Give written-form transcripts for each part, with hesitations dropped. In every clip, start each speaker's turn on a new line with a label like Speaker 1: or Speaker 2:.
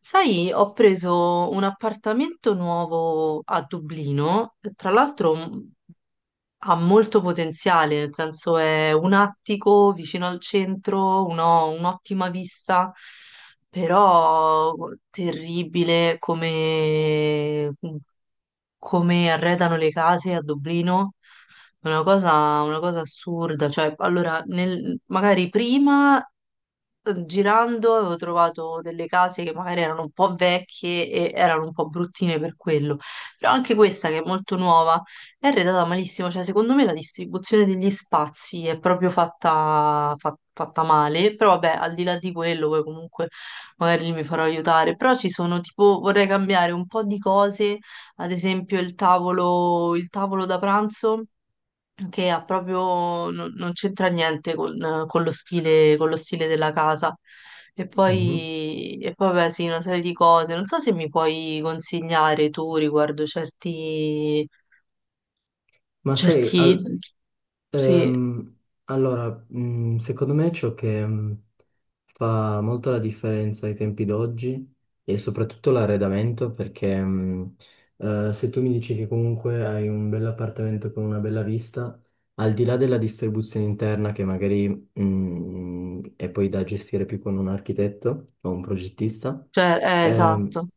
Speaker 1: Sai, ho preso un appartamento nuovo a Dublino, tra l'altro ha molto potenziale, nel senso è un attico vicino al centro, un'ottima vista, però terribile come arredano le case a Dublino. Una cosa assurda, cioè allora magari prima girando avevo trovato delle case che magari erano un po' vecchie e erano un po' bruttine per quello, però anche questa che è molto nuova è arredata malissimo, cioè secondo me la distribuzione degli spazi è proprio fatta male, però vabbè al di là di quello poi comunque magari lì mi farò aiutare, però ci sono tipo vorrei cambiare un po' di cose, ad esempio il tavolo da pranzo che ha proprio, non c'entra niente con lo stile della casa. E
Speaker 2: Mhm.
Speaker 1: poi, e poi, vabbè, sì, una serie di cose. Non so se mi puoi consigliare tu riguardo certi,
Speaker 2: Ma sai,
Speaker 1: certi,
Speaker 2: al-
Speaker 1: sì,
Speaker 2: ehm, allora, secondo me ciò che fa molto la differenza ai tempi d'oggi è soprattutto l'arredamento, perché se tu mi dici che comunque hai un bell'appartamento con una bella vista, al di là della distribuzione interna che magari è poi da gestire più con un architetto o un progettista.
Speaker 1: cioè,
Speaker 2: ehm,
Speaker 1: esatto.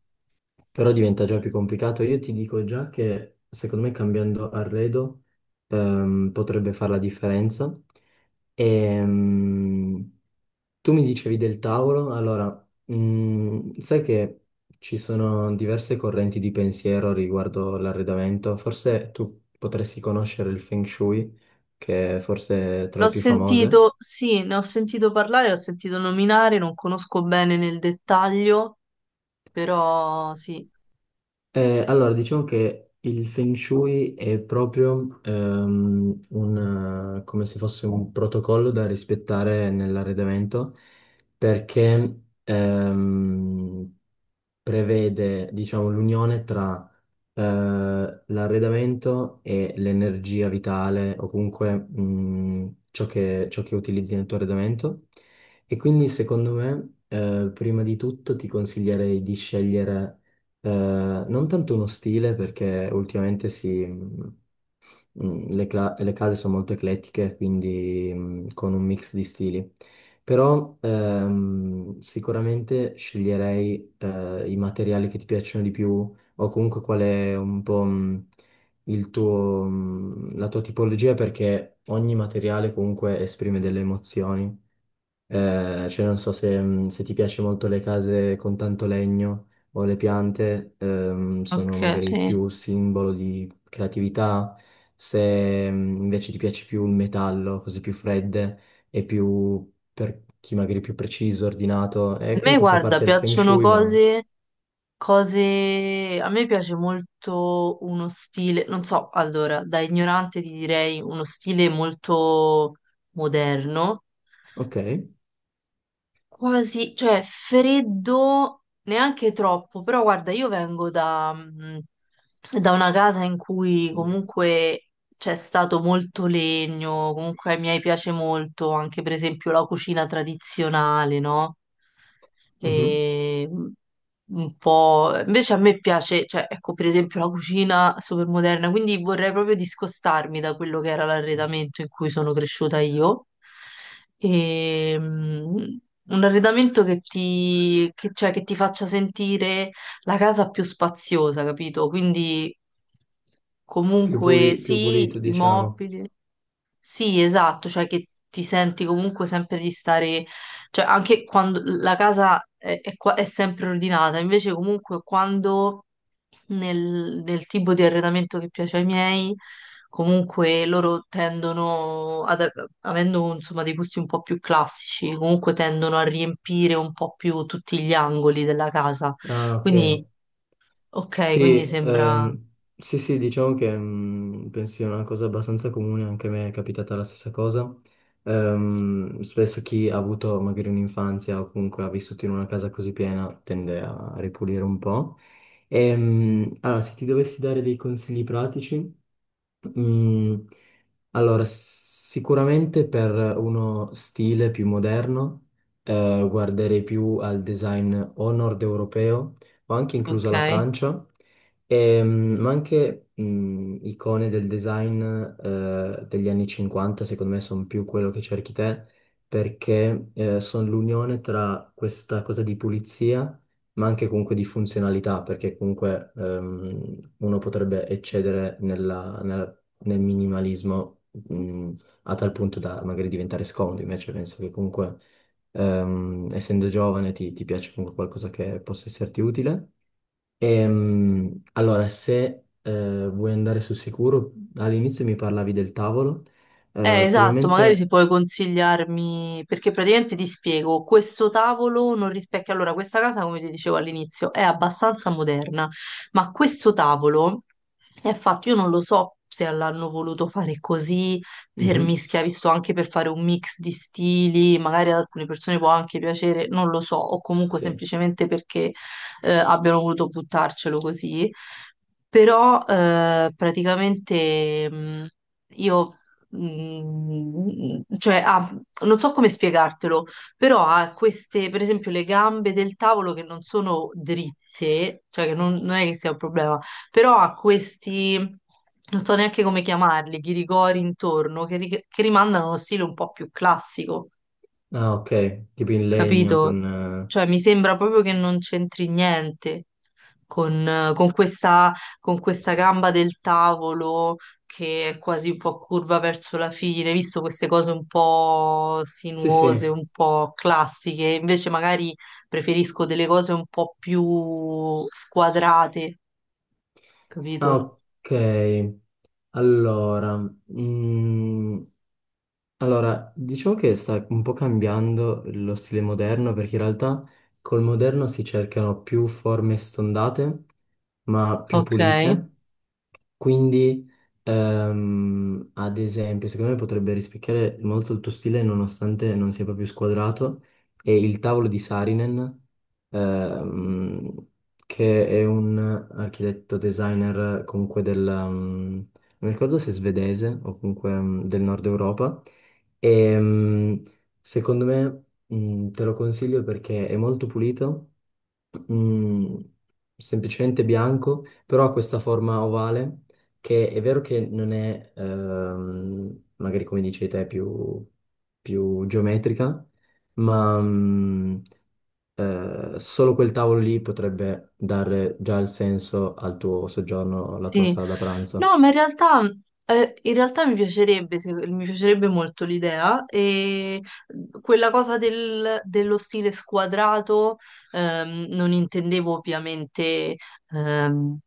Speaker 2: Però diventa già più complicato. Io ti dico già che secondo me cambiando arredo potrebbe fare la differenza. Ehm, Tu mi dicevi del Tauro. Allora, sai che ci sono diverse correnti di pensiero riguardo l'arredamento. Forse tu potresti conoscere il Feng Shui, che è forse tra le
Speaker 1: L'ho
Speaker 2: più famose.
Speaker 1: sentito, sì, ne ho sentito parlare, l'ho sentito nominare, non conosco bene nel dettaglio, però sì.
Speaker 2: Allora, diciamo che il Feng Shui è proprio come se fosse un protocollo da rispettare nell'arredamento, perché prevede, diciamo, l'unione tra l'arredamento e l'energia vitale, o comunque ciò che utilizzi nel tuo arredamento. E quindi secondo me, prima di tutto ti consiglierei di scegliere, eh, non tanto uno stile perché ultimamente si... mhmm, Mm, Le, cla- le case sono molto eclettiche, quindi con un mix di stili. Però sicuramente sceglierei i materiali che ti piacciono di più, o comunque qual è un po' la tua tipologia, perché ogni materiale comunque esprime delle emozioni. Cioè non so se se ti piace molto le case con tanto legno, o le piante, sono
Speaker 1: Ok.
Speaker 2: magari
Speaker 1: Eh.
Speaker 2: più simbolo di creatività. Se invece ti piace più il metallo, cose più fredde e più per chi magari è più preciso, ordinato,
Speaker 1: A
Speaker 2: e
Speaker 1: me,
Speaker 2: comunque fa
Speaker 1: guarda,
Speaker 2: parte del feng
Speaker 1: piacciono
Speaker 2: shui, ma
Speaker 1: cose. A me piace molto uno stile, non so, allora, da ignorante ti direi uno stile molto moderno.
Speaker 2: ok,
Speaker 1: Quasi, cioè freddo neanche troppo, però guarda, io vengo da una casa in cui comunque c'è stato molto legno, comunque ai miei piace molto anche per esempio la cucina tradizionale, no?
Speaker 2: mhm.
Speaker 1: E mh, Invece a me piace, cioè ecco per esempio la cucina super moderna, quindi vorrei proprio discostarmi da quello che era l'arredamento in cui sono cresciuta io. E, un arredamento cioè, che ti faccia sentire la casa più spaziosa, capito? Quindi comunque
Speaker 2: Più pulito
Speaker 1: sì, i
Speaker 2: diciamo.
Speaker 1: mobili. Sì, esatto, cioè che ti senti comunque sempre di stare, cioè anche quando la casa è sempre ordinata, invece comunque quando nel tipo di arredamento che piace ai miei, comunque loro avendo insomma dei gusti un po' più classici, comunque tendono a riempire un po' più tutti gli angoli della casa.
Speaker 2: Ah, ok.
Speaker 1: Quindi, ok, quindi
Speaker 2: Sì,
Speaker 1: sembra,
Speaker 2: sì, sì, diciamo che penso sia una cosa abbastanza comune, anche a me è capitata la stessa cosa. Spesso chi ha avuto magari un'infanzia o comunque ha vissuto in una casa così piena tende a ripulire un po'. Allora, se ti dovessi dare dei consigli pratici, mm, allora, sicuramente per uno stile più moderno, guarderei più al design o nord europeo, o anche inclusa la
Speaker 1: ok.
Speaker 2: Francia. Ma anche icone del design degli anni 50, secondo me, sono più quello che cerchi te, perché sono l'unione tra questa cosa di pulizia, ma anche comunque di funzionalità, perché comunque uno potrebbe eccedere nel minimalismo a tal punto da magari diventare scomodo. Invece penso che comunque, essendo giovane, ti piace comunque qualcosa che possa esserti utile. Allora, se vuoi andare sul sicuro, all'inizio mi parlavi del tavolo,
Speaker 1: Esatto, magari se
Speaker 2: probabilmente...
Speaker 1: puoi consigliarmi, perché praticamente ti spiego, questo tavolo non rispecchia, allora questa casa, come ti dicevo all'inizio, è abbastanza moderna, ma questo tavolo è fatto, io non lo so se l'hanno voluto fare così per
Speaker 2: Mhm,
Speaker 1: mischia, visto anche per fare un mix di stili, magari ad alcune persone può anche piacere, non lo so, o comunque
Speaker 2: sì.
Speaker 1: semplicemente perché abbiano voluto buttarcelo così, però praticamente, io, cioè ha, non so come spiegartelo, però ha queste, per esempio, le gambe del tavolo che non sono dritte, cioè che non è che sia un problema, però ha questi, non so neanche come chiamarli, ghirigori intorno che rimandano a uno stile un po' più classico,
Speaker 2: Ah, ok, tipo in legno
Speaker 1: capito?
Speaker 2: con...
Speaker 1: Cioè, mi sembra proprio che non c'entri niente con, eh, con questa, con questa gamba del tavolo che è quasi un po' curva verso la fine, visto queste cose un po'
Speaker 2: sì,
Speaker 1: sinuose,
Speaker 2: sì.
Speaker 1: un po' classiche. Invece magari preferisco delle cose un po' più squadrate,
Speaker 2: Ah,
Speaker 1: capito?
Speaker 2: ok. Allora, mm, allora, diciamo che sta un po' cambiando lo stile moderno, perché in realtà col moderno si cercano più forme stondate, ma più
Speaker 1: Ok.
Speaker 2: pulite. Quindi, ad esempio, secondo me potrebbe rispecchiare molto il tuo stile, nonostante non sia proprio squadrato, è il tavolo di Saarinen, ehm, che è un architetto designer comunque del non mi ricordo se svedese o comunque del nord Europa, e, ehm, secondo me, te lo consiglio perché è molto pulito, mm, semplicemente bianco, però ha questa forma ovale che è vero che non è magari come dici te, più geometrica, ma solo quel tavolo lì potrebbe dare già il senso al tuo soggiorno, alla tua
Speaker 1: Sì,
Speaker 2: sala da pranzo.
Speaker 1: no, ma in realtà mi piacerebbe, se- mi piacerebbe molto l'idea e quella cosa dello stile squadrato. Non intendevo ovviamente, ehm,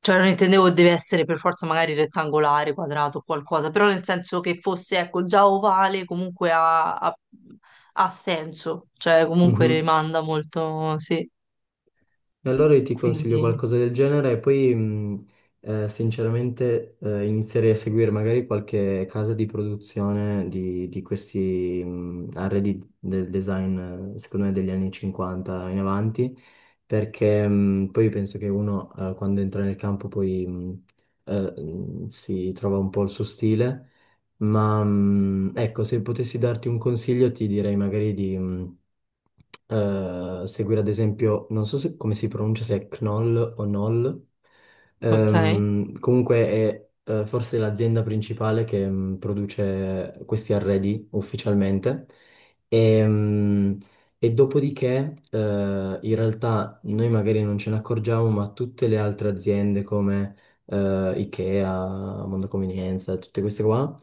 Speaker 1: cioè non intendevo deve essere per forza magari rettangolare, quadrato o qualcosa, però nel senso che fosse, ecco, già ovale comunque ha senso, cioè comunque
Speaker 2: Mhm.
Speaker 1: rimanda molto, sì,
Speaker 2: E allora io ti consiglio
Speaker 1: quindi,
Speaker 2: qualcosa del genere e poi sinceramente inizierei a seguire magari qualche casa di produzione di questi arredi del design, secondo me, degli anni 50 in avanti, perché poi penso che uno, quando entra nel campo poi, si trova un po' il suo stile. Ma ecco, se potessi darti un consiglio, ti direi magari di seguire ad esempio, non so se- come si pronuncia, se è Knoll o Knoll.
Speaker 1: ok.
Speaker 2: Comunque è forse l'azienda principale che produce questi arredi ufficialmente. E, mm, e dopodiché, in realtà noi magari non ce ne accorgiamo, ma tutte le altre aziende come IKEA, Mondo Convenienza, tutte queste qua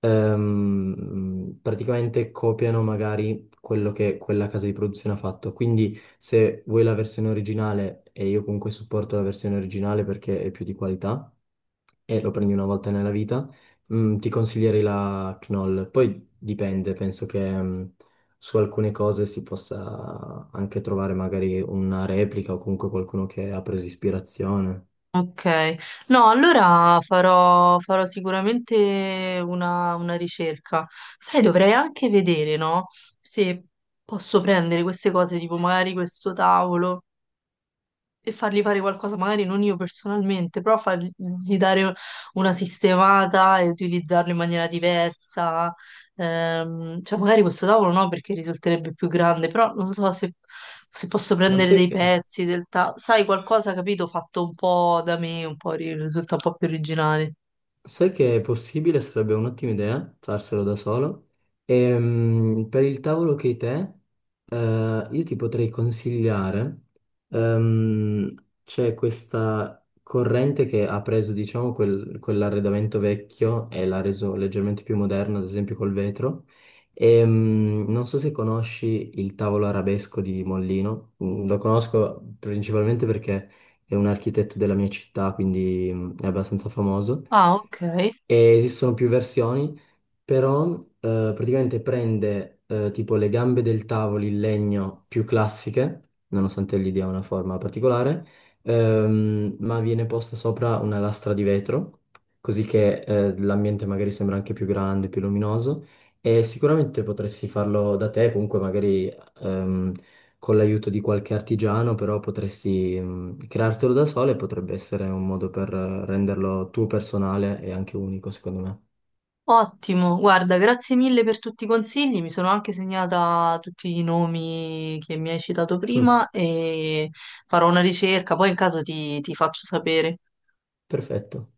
Speaker 2: praticamente copiano magari quello che quella casa di produzione ha fatto. Quindi se vuoi la versione originale, e io comunque supporto la versione originale perché è più di qualità, e lo prendi una volta nella vita, ti consiglierei la Knoll. Poi dipende, penso che su alcune cose si possa anche trovare magari una replica o comunque qualcuno che ha preso ispirazione.
Speaker 1: Ok, no, allora farò sicuramente una ricerca. Sai, dovrei anche vedere, no? Se posso prendere queste cose, tipo magari questo tavolo e fargli fare qualcosa, magari non io personalmente, però fargli dare una sistemata e utilizzarlo in maniera diversa. Cioè, magari questo tavolo no, perché risulterebbe più grande, però non so se posso
Speaker 2: Ma
Speaker 1: prendere
Speaker 2: sai
Speaker 1: dei
Speaker 2: che...
Speaker 1: pezzi del tavolo. Sai, qualcosa, capito, fatto un po' da me, un po' risulta un po' più originale.
Speaker 2: Sai che è possibile, sarebbe un'ottima idea farselo da solo. E, per il tavolo che hai te, io ti potrei consigliare, ehm, c'è questa corrente che ha preso, diciamo, quell'arredamento vecchio e l'ha reso leggermente più moderno, ad esempio col vetro. Non so se conosci il tavolo arabesco di Mollino. Lo conosco principalmente perché è un architetto della mia città, quindi è abbastanza famoso
Speaker 1: Ah, ok.
Speaker 2: e esistono più versioni, però praticamente prende, tipo le gambe del tavolo in legno più classiche, nonostante gli dia una forma particolare, ma viene posta sopra una lastra di vetro, così che l'ambiente magari sembra anche più grande, più luminoso, e sicuramente potresti farlo da te, comunque magari ehm, con l'aiuto di qualche artigiano, però potresti creartelo da solo, e potrebbe essere un modo per renderlo tuo personale e anche unico, secondo
Speaker 1: Ottimo, guarda, grazie mille per tutti i consigli, mi sono anche segnata tutti i nomi che mi hai citato
Speaker 2: me.
Speaker 1: prima e farò una ricerca, poi in caso ti faccio sapere.
Speaker 2: Perfetto.